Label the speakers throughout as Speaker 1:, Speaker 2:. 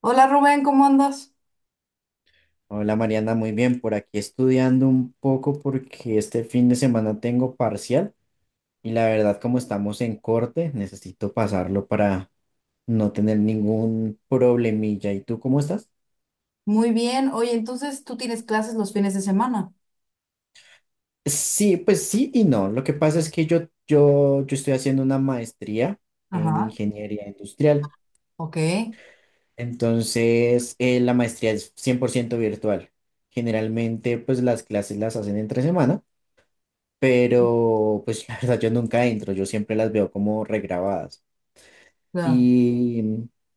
Speaker 1: Hola Rubén, ¿cómo andas?
Speaker 2: Hola Mariana, muy bien. Por aquí estudiando un poco porque este fin de semana tengo parcial y la verdad como estamos en corte, necesito pasarlo para no tener ningún problemilla. ¿Y tú cómo estás?
Speaker 1: Muy bien. Oye, entonces tú tienes clases los fines de semana.
Speaker 2: Sí, pues sí y no. Lo que pasa es que yo estoy haciendo una maestría en
Speaker 1: Ajá,
Speaker 2: ingeniería industrial.
Speaker 1: ok.
Speaker 2: Entonces, la maestría es 100% virtual. Generalmente, pues las clases las hacen entre semana, pero pues la verdad yo nunca entro, yo siempre las veo como regrabadas.
Speaker 1: Claro.
Speaker 2: Y,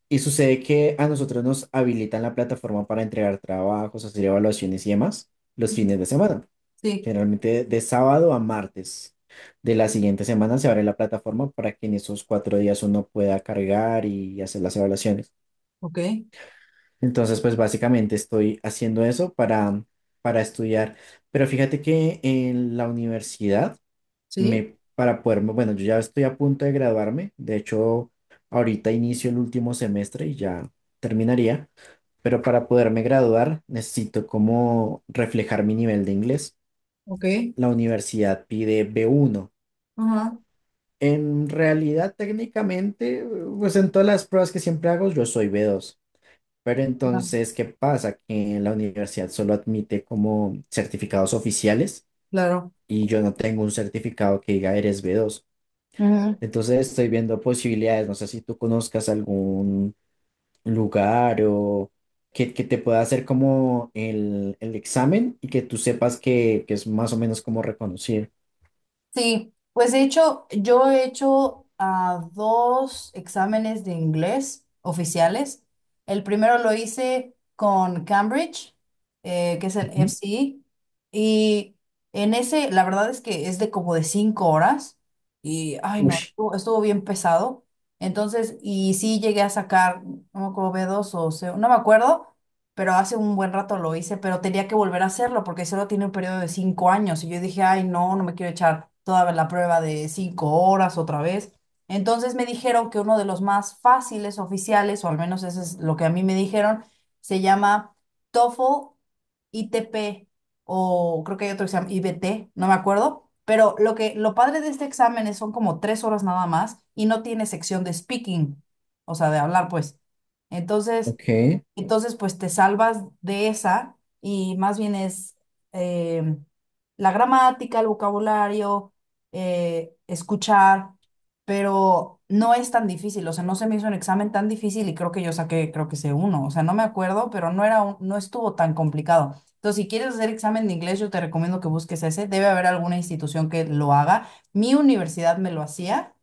Speaker 2: y sucede que a nosotros nos habilitan la plataforma para entregar trabajos, hacer evaluaciones y demás los fines de semana,
Speaker 1: Sí,
Speaker 2: generalmente de sábado a martes. De la siguiente semana se abre la plataforma para que en esos 4 días uno pueda cargar y hacer las evaluaciones.
Speaker 1: ok.
Speaker 2: Entonces, pues básicamente estoy haciendo eso para estudiar. Pero fíjate que en la universidad
Speaker 1: Sí,
Speaker 2: para poderme, bueno, yo ya estoy a punto de graduarme, de hecho, ahorita inicio el último semestre y ya terminaría, pero para poderme graduar necesito como reflejar mi nivel de inglés.
Speaker 1: ok.
Speaker 2: La universidad pide B1.
Speaker 1: Ajá,
Speaker 2: En realidad, técnicamente, pues en todas las pruebas que siempre hago, yo soy B2. Pero
Speaker 1: ah,
Speaker 2: entonces, ¿qué pasa? Que la universidad solo admite como certificados oficiales
Speaker 1: claro.
Speaker 2: y yo no tengo un certificado que diga eres B2.
Speaker 1: Ujú.
Speaker 2: Entonces estoy viendo posibilidades, no sé si tú conozcas algún lugar o que te pueda hacer como el examen y que tú sepas que es más o menos como reconocido.
Speaker 1: Sí, pues de hecho, yo he hecho dos exámenes de inglés oficiales. El primero lo hice con Cambridge, que es el
Speaker 2: Ujú.
Speaker 1: FCE, y en ese, la verdad es que es de como de 5 horas, y ay
Speaker 2: Uy,
Speaker 1: no, estuvo bien pesado. Entonces, y sí llegué a sacar, no me acuerdo, b dos o C, no me acuerdo, pero hace un buen rato lo hice, pero tenía que volver a hacerlo porque solo tiene un periodo de 5 años y yo dije, ay, no, no me quiero echar toda la prueba de 5 horas otra vez. Entonces me dijeron que uno de los más fáciles oficiales, o al menos eso es lo que a mí me dijeron, se llama TOEFL ITP o creo que hay otro que se llama IBT, no me acuerdo. Pero lo que lo padre de este examen es son como 3 horas nada más y no tiene sección de speaking, o sea, de hablar, pues. Entonces,
Speaker 2: ok.
Speaker 1: entonces, pues te salvas de esa y más bien es eh, la gramática, el vocabulario, escuchar, pero no es tan difícil. O sea, no se me hizo un examen tan difícil y creo que yo saqué, creo que sé uno. O sea, no me acuerdo, pero no era no estuvo tan complicado. Entonces, si quieres hacer examen de inglés, yo te recomiendo que busques ese. Debe haber alguna institución que lo haga. Mi universidad me lo hacía,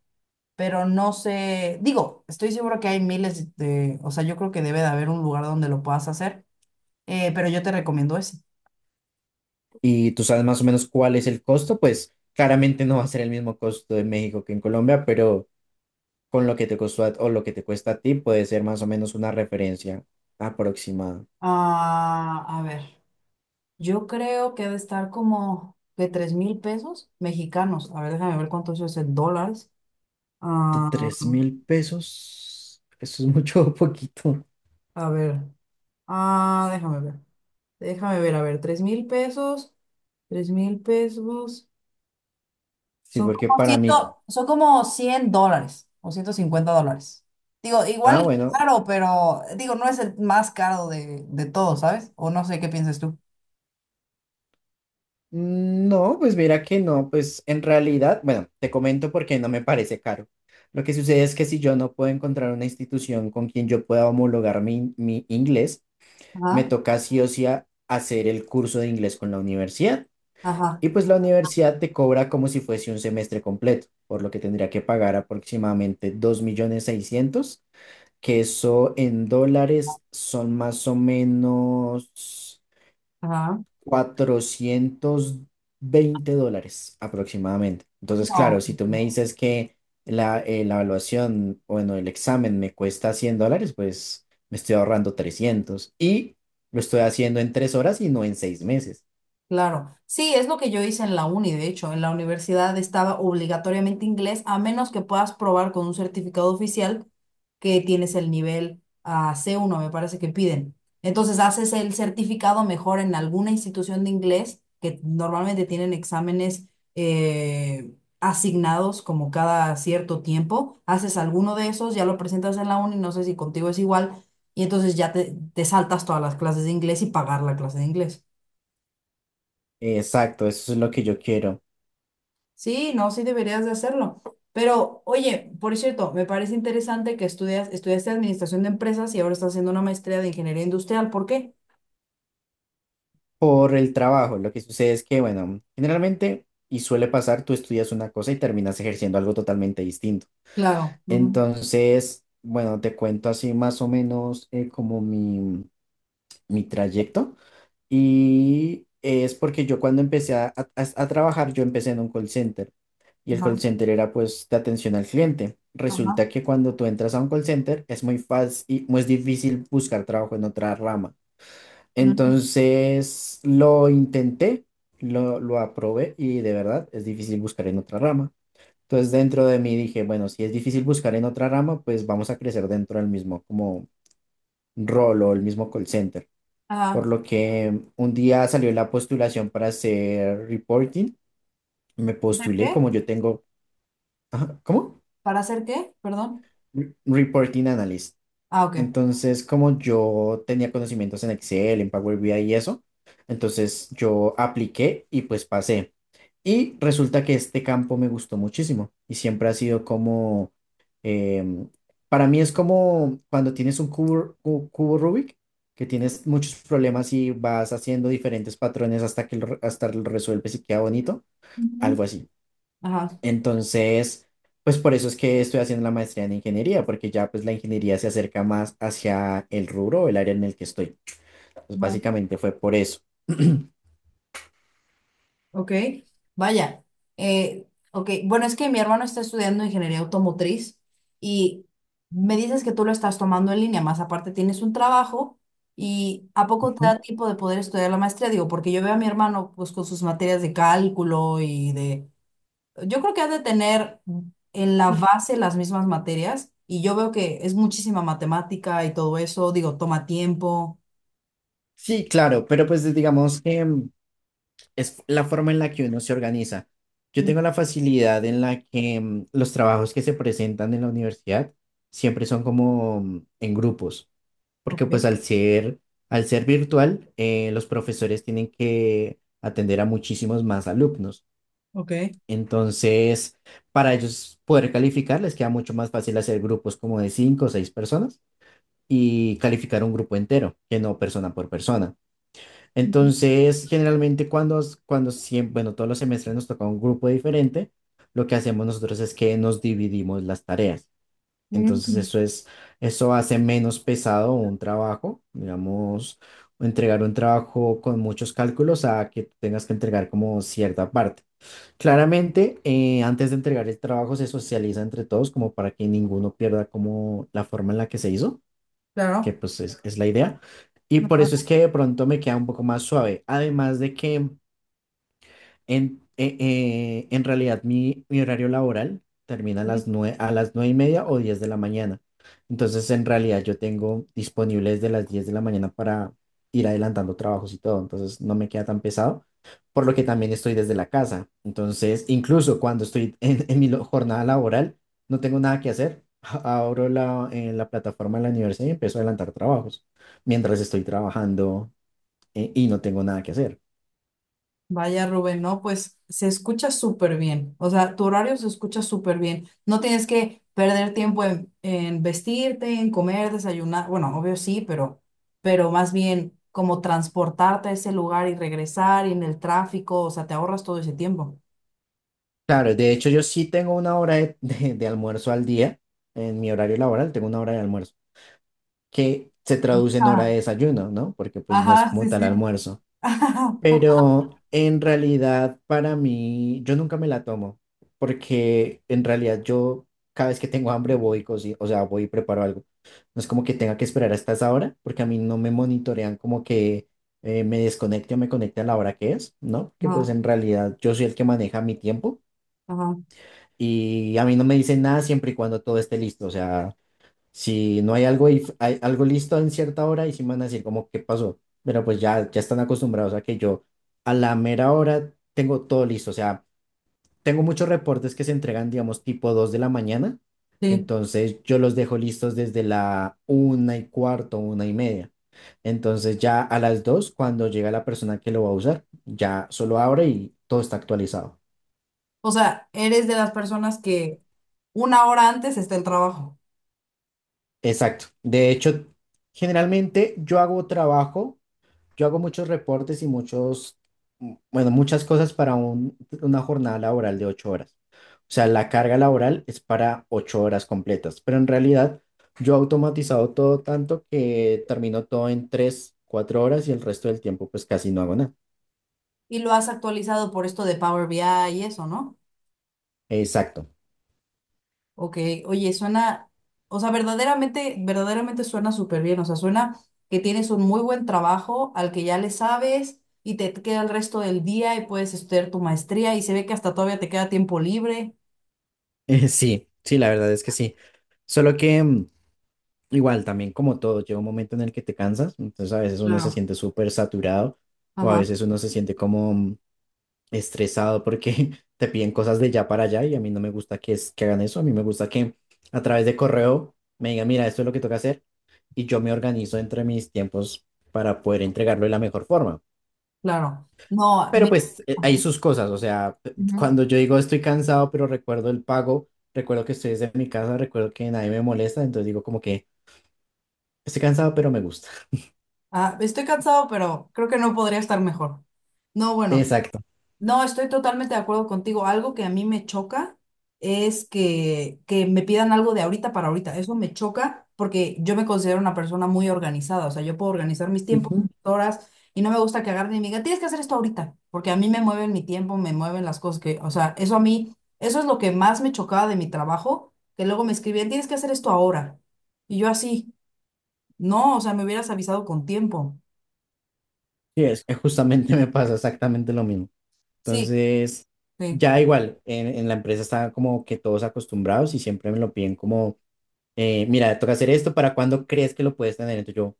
Speaker 1: pero no sé, digo, estoy seguro que hay miles de, o sea, yo creo que debe de haber un lugar donde lo puedas hacer, pero yo te recomiendo ese.
Speaker 2: Y tú sabes más o menos cuál es el costo, pues claramente no va a ser el mismo costo en México que en Colombia, pero con lo que te costó o lo que te cuesta a ti puede ser más o menos una referencia aproximada.
Speaker 1: Ah, a ver, yo creo que ha de estar como de 3,000 pesos mexicanos. A ver, déjame ver cuánto eso es en dólares. Ah,
Speaker 2: ¿3.000 pesos? ¿Eso es mucho o poquito?
Speaker 1: a ver, ah, déjame ver, déjame ver, a ver, tres mil pesos.
Speaker 2: Sí,
Speaker 1: Son
Speaker 2: porque
Speaker 1: como
Speaker 2: para
Speaker 1: 100,
Speaker 2: mí.
Speaker 1: son como 100 dólares o 150 dólares. Digo, igual
Speaker 2: Ah,
Speaker 1: es
Speaker 2: bueno.
Speaker 1: caro, pero digo, no es el más caro de todo, ¿sabes? O no sé qué piensas tú.
Speaker 2: Mm, no, pues mira que no, pues en realidad, bueno, te comento porque no me parece caro. Lo que sucede es que si yo no puedo encontrar una institución con quien yo pueda homologar mi inglés, me
Speaker 1: Ajá,
Speaker 2: toca sí o sí hacer el curso de inglés con la universidad.
Speaker 1: ajá,
Speaker 2: Y pues la universidad te cobra como si fuese un semestre completo, por lo que tendría que pagar aproximadamente 2.600.000, que eso en dólares son más o menos
Speaker 1: ajá.
Speaker 2: 420 dólares aproximadamente. Entonces,
Speaker 1: No.
Speaker 2: claro, si tú me dices que la evaluación, bueno, el examen me cuesta 100 dólares, pues me estoy ahorrando 300 y lo estoy haciendo en 3 horas y no en 6 meses.
Speaker 1: Claro, sí, es lo que yo hice en la uni, de hecho, en la universidad estaba obligatoriamente inglés, a menos que puedas probar con un certificado oficial que tienes el nivel c uno, me parece que piden. Entonces haces el certificado mejor en alguna institución de inglés, que normalmente tienen exámenes asignados como cada cierto tiempo, haces alguno de esos, ya lo presentas en la uni, no sé si contigo es igual, y entonces ya te saltas todas las clases de inglés y pagar la clase de inglés.
Speaker 2: Exacto, eso es lo que yo quiero.
Speaker 1: Sí, no, sí deberías de hacerlo. Pero, oye, por cierto, me parece interesante que estudias, estudiaste administración de empresas y ahora estás haciendo una maestría de ingeniería industrial. ¿Por qué?
Speaker 2: Por el trabajo, lo que sucede es que, bueno, generalmente, y suele pasar, tú estudias una cosa y terminas ejerciendo algo totalmente distinto.
Speaker 1: Claro. Ujú,
Speaker 2: Entonces, bueno, te cuento así más o menos como mi trayecto. Y es porque yo cuando empecé a trabajar, yo empecé en un call center y el call
Speaker 1: ajá,
Speaker 2: center era pues de atención al cliente.
Speaker 1: ajá,
Speaker 2: Resulta que cuando tú entras a un call center es muy fácil y muy difícil buscar trabajo en otra rama.
Speaker 1: ujú,
Speaker 2: Entonces lo intenté, lo aprobé y de verdad es difícil buscar en otra rama. Entonces dentro de mí dije, bueno, si es difícil buscar en otra rama, pues vamos a crecer dentro del mismo como rol o el mismo call center, por
Speaker 1: ajá.
Speaker 2: lo que un día salió la postulación para hacer reporting. Me
Speaker 1: ¿Hacer
Speaker 2: postulé
Speaker 1: qué?
Speaker 2: como yo tengo, ajá, ¿cómo?
Speaker 1: ¿Para hacer qué? Perdón.
Speaker 2: Reporting Analyst.
Speaker 1: Ah, ok.
Speaker 2: Entonces, como yo tenía conocimientos en Excel, en Power BI y eso, entonces yo apliqué y pues pasé. Y resulta que este campo me gustó muchísimo y siempre ha sido como, em, para mí es como cuando tienes un cubo, cubo Rubik, que tienes muchos problemas y vas haciendo diferentes patrones hasta que hasta lo resuelves y queda bonito,
Speaker 1: Ujú.
Speaker 2: algo así.
Speaker 1: Ajá.
Speaker 2: Entonces, pues por eso es que estoy haciendo la maestría en ingeniería, porque ya pues la ingeniería se acerca más hacia el rubro o el área en el que estoy. Pues
Speaker 1: Ajá.
Speaker 2: básicamente fue por eso.
Speaker 1: Ok, vaya. Ok, bueno, es que mi hermano está estudiando ingeniería automotriz y me dices que tú lo estás tomando en línea, más aparte tienes un trabajo y ¿a poco te
Speaker 2: Ujú.
Speaker 1: da tiempo de poder estudiar la maestría? Digo, porque yo veo a mi hermano pues con sus materias de cálculo y de... Yo creo que ha de tener en la base las mismas materias y yo veo que es muchísima matemática y todo eso, digo, toma tiempo.
Speaker 2: Sí, claro, pero pues digamos que es la forma en la que uno se organiza. Yo
Speaker 1: Mm,
Speaker 2: tengo la facilidad en la que los trabajos que se presentan en la universidad siempre son como en grupos,
Speaker 1: ok,
Speaker 2: porque pues al ser virtual, los profesores tienen que atender a muchísimos más alumnos.
Speaker 1: ok.
Speaker 2: Entonces, para ellos poder calificar, les queda mucho más fácil hacer grupos como de cinco o seis personas y calificar un grupo entero, que no persona por persona.
Speaker 1: Ujú.
Speaker 2: Entonces, generalmente cuando siempre, bueno, todos los semestres nos toca un grupo diferente, lo que hacemos nosotros es que nos dividimos las tareas. Entonces,
Speaker 1: Mm,
Speaker 2: eso hace menos pesado un trabajo, digamos, entregar un trabajo con muchos cálculos a que tú tengas que entregar como cierta parte. Claramente, antes de entregar el trabajo se socializa entre todos como para que ninguno pierda como la forma en la que se hizo, que
Speaker 1: claro.
Speaker 2: pues es la idea. Y por
Speaker 1: Ajá.
Speaker 2: eso es que de pronto me queda un poco más suave. Además de que en realidad, mi horario laboral termina a las 9, a las 9:30 o 10 de la mañana. Entonces, en realidad, yo tengo disponible desde las 10 de la mañana para ir adelantando trabajos y todo. Entonces, no me queda tan pesado, por lo que también estoy desde la casa. Entonces, incluso cuando estoy en mi jornada laboral, no tengo nada que hacer. Abro la plataforma de la universidad y empiezo a adelantar trabajos mientras estoy trabajando, y no tengo nada que hacer.
Speaker 1: Vaya Rubén, no, pues se escucha súper bien, o sea, tu horario se escucha súper bien, no tienes que perder tiempo en vestirte, en comer, desayunar, bueno, obvio sí, pero más bien como transportarte a ese lugar y regresar y en el tráfico, o sea, te ahorras todo ese tiempo.
Speaker 2: Claro, de hecho yo sí tengo una hora de almuerzo al día, en mi horario laboral tengo una hora de almuerzo, que se traduce en hora
Speaker 1: Ah,
Speaker 2: de desayuno, ¿no? Porque pues no es
Speaker 1: ajá,
Speaker 2: como
Speaker 1: sí,
Speaker 2: tal
Speaker 1: sí.
Speaker 2: almuerzo. Pero en realidad para mí, yo nunca me la tomo, porque en realidad yo cada vez que tengo hambre voy, y o sea, voy y preparo algo. No es como que tenga que esperar hasta esa hora, porque a mí no me monitorean como que me desconecte o me conecte a la hora que es, ¿no? Que
Speaker 1: Ajá,
Speaker 2: pues en realidad yo soy el que maneja mi tiempo.
Speaker 1: ajá,
Speaker 2: Y a mí no me dicen nada siempre y cuando todo esté listo. O sea, si no hay algo, hay algo listo en cierta hora y si me van a decir como, ¿qué pasó? Pero pues ya, ya están acostumbrados a que yo a la mera hora tengo todo listo. O sea, tengo muchos reportes que se entregan, digamos, tipo 2 de la mañana.
Speaker 1: sí.
Speaker 2: Entonces yo los dejo listos desde la 1:15, 1:30. Entonces ya a las 2 cuando llega la persona que lo va a usar, ya solo abre y todo está actualizado.
Speaker 1: O sea, eres de las personas que una hora antes está el trabajo
Speaker 2: Exacto. De hecho, generalmente yo hago muchos reportes y bueno, muchas cosas para una jornada laboral de 8 horas. O sea, la carga laboral es para 8 horas completas, pero en realidad yo he automatizado todo tanto que termino todo en 3, 4 horas y el resto del tiempo pues casi no hago nada.
Speaker 1: y lo has actualizado por esto de Power BI y eso, ¿no?
Speaker 2: Exacto.
Speaker 1: Ok, oye, suena, o sea, verdaderamente, verdaderamente suena súper bien, o sea, suena que tienes un muy buen trabajo al que ya le sabes y te queda el resto del día y puedes estudiar tu maestría y se ve que hasta todavía te queda tiempo libre.
Speaker 2: Sí, sí, la verdad es que sí. Solo que igual, también como todo, llega un momento en el que te cansas, entonces a veces uno se
Speaker 1: Claro.
Speaker 2: siente súper saturado o a
Speaker 1: Ajá,
Speaker 2: veces uno se siente como estresado porque te piden cosas de ya para allá y a mí no me gusta que, que hagan eso, a mí me gusta que a través de correo me digan, mira, esto es lo que toca hacer y yo me organizo entre mis tiempos para poder entregarlo de la mejor forma.
Speaker 1: claro. No,
Speaker 2: Pero
Speaker 1: mira,
Speaker 2: pues
Speaker 1: ajá,
Speaker 2: hay sus cosas, o sea,
Speaker 1: ujú.
Speaker 2: cuando yo digo estoy cansado, pero recuerdo el pago, recuerdo que estoy desde mi casa, recuerdo que nadie me molesta, entonces digo como que estoy cansado, pero me gusta.
Speaker 1: Ah, estoy cansado, pero creo que no podría estar mejor. No, bueno.
Speaker 2: Exacto.
Speaker 1: No, estoy totalmente de acuerdo contigo. Algo que a mí me choca es que me pidan algo de ahorita para ahorita. Eso me choca porque yo me considero una persona muy organizada. O sea, yo puedo organizar mis tiempos,
Speaker 2: Ujú.
Speaker 1: mis horas, y no me gusta que agarren y me digan, tienes que hacer esto ahorita, porque a mí me mueven mi tiempo, me mueven las cosas que, o sea, eso a mí, eso es lo que más me chocaba de mi trabajo, que luego me escribían, tienes que hacer esto ahora. Y yo así, no, o sea, me hubieras avisado con tiempo.
Speaker 2: Sí, es que justamente me pasa exactamente lo mismo.
Speaker 1: Sí,
Speaker 2: Entonces,
Speaker 1: sí.
Speaker 2: ya igual, en la empresa están como que todos acostumbrados y siempre me lo piden como, mira, toca hacer esto, ¿para cuándo crees que lo puedes tener? Entonces yo,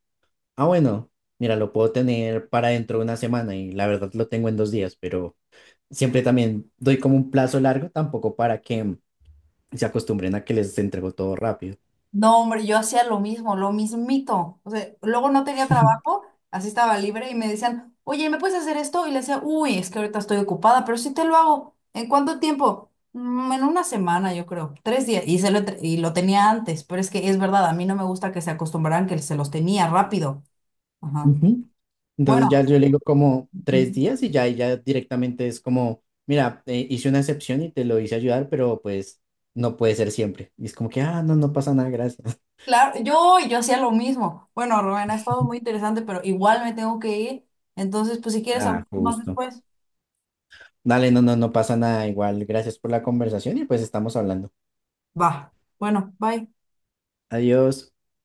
Speaker 2: ah, bueno, mira, lo puedo tener para dentro de una semana y la verdad lo tengo en 2 días, pero siempre también doy como un plazo largo, tampoco para que se acostumbren a que les entrego todo rápido.
Speaker 1: No, hombre, yo hacía lo mismo, lo mismito. O sea, luego no tenía trabajo, así estaba libre y me decían, oye, ¿me puedes hacer esto? Y le decía, uy, es que ahorita estoy ocupada, pero sí te lo hago. ¿En cuánto tiempo? "Mm, en una semana, yo creo, 3 días. Y lo tenía antes, pero es que es verdad, a mí no me gusta que se acostumbraran que se los tenía rápido. Ajá.
Speaker 2: Entonces ya
Speaker 1: Bueno,
Speaker 2: yo le digo como tres
Speaker 1: ujú,
Speaker 2: días y ya directamente es como, mira, hice una excepción y te lo hice ayudar, pero pues no puede ser siempre. Y es como que, ah, no, no pasa nada, gracias.
Speaker 1: claro, yo hacía lo mismo. Bueno, Rubén, ha estado muy interesante, pero igual me tengo que ir. Entonces, pues si quieres,
Speaker 2: Ah,
Speaker 1: hablamos más
Speaker 2: justo.
Speaker 1: después.
Speaker 2: Dale, no, no, no pasa nada, igual, gracias por la conversación y pues estamos hablando.
Speaker 1: Va. Bueno, bye.
Speaker 2: Adiós.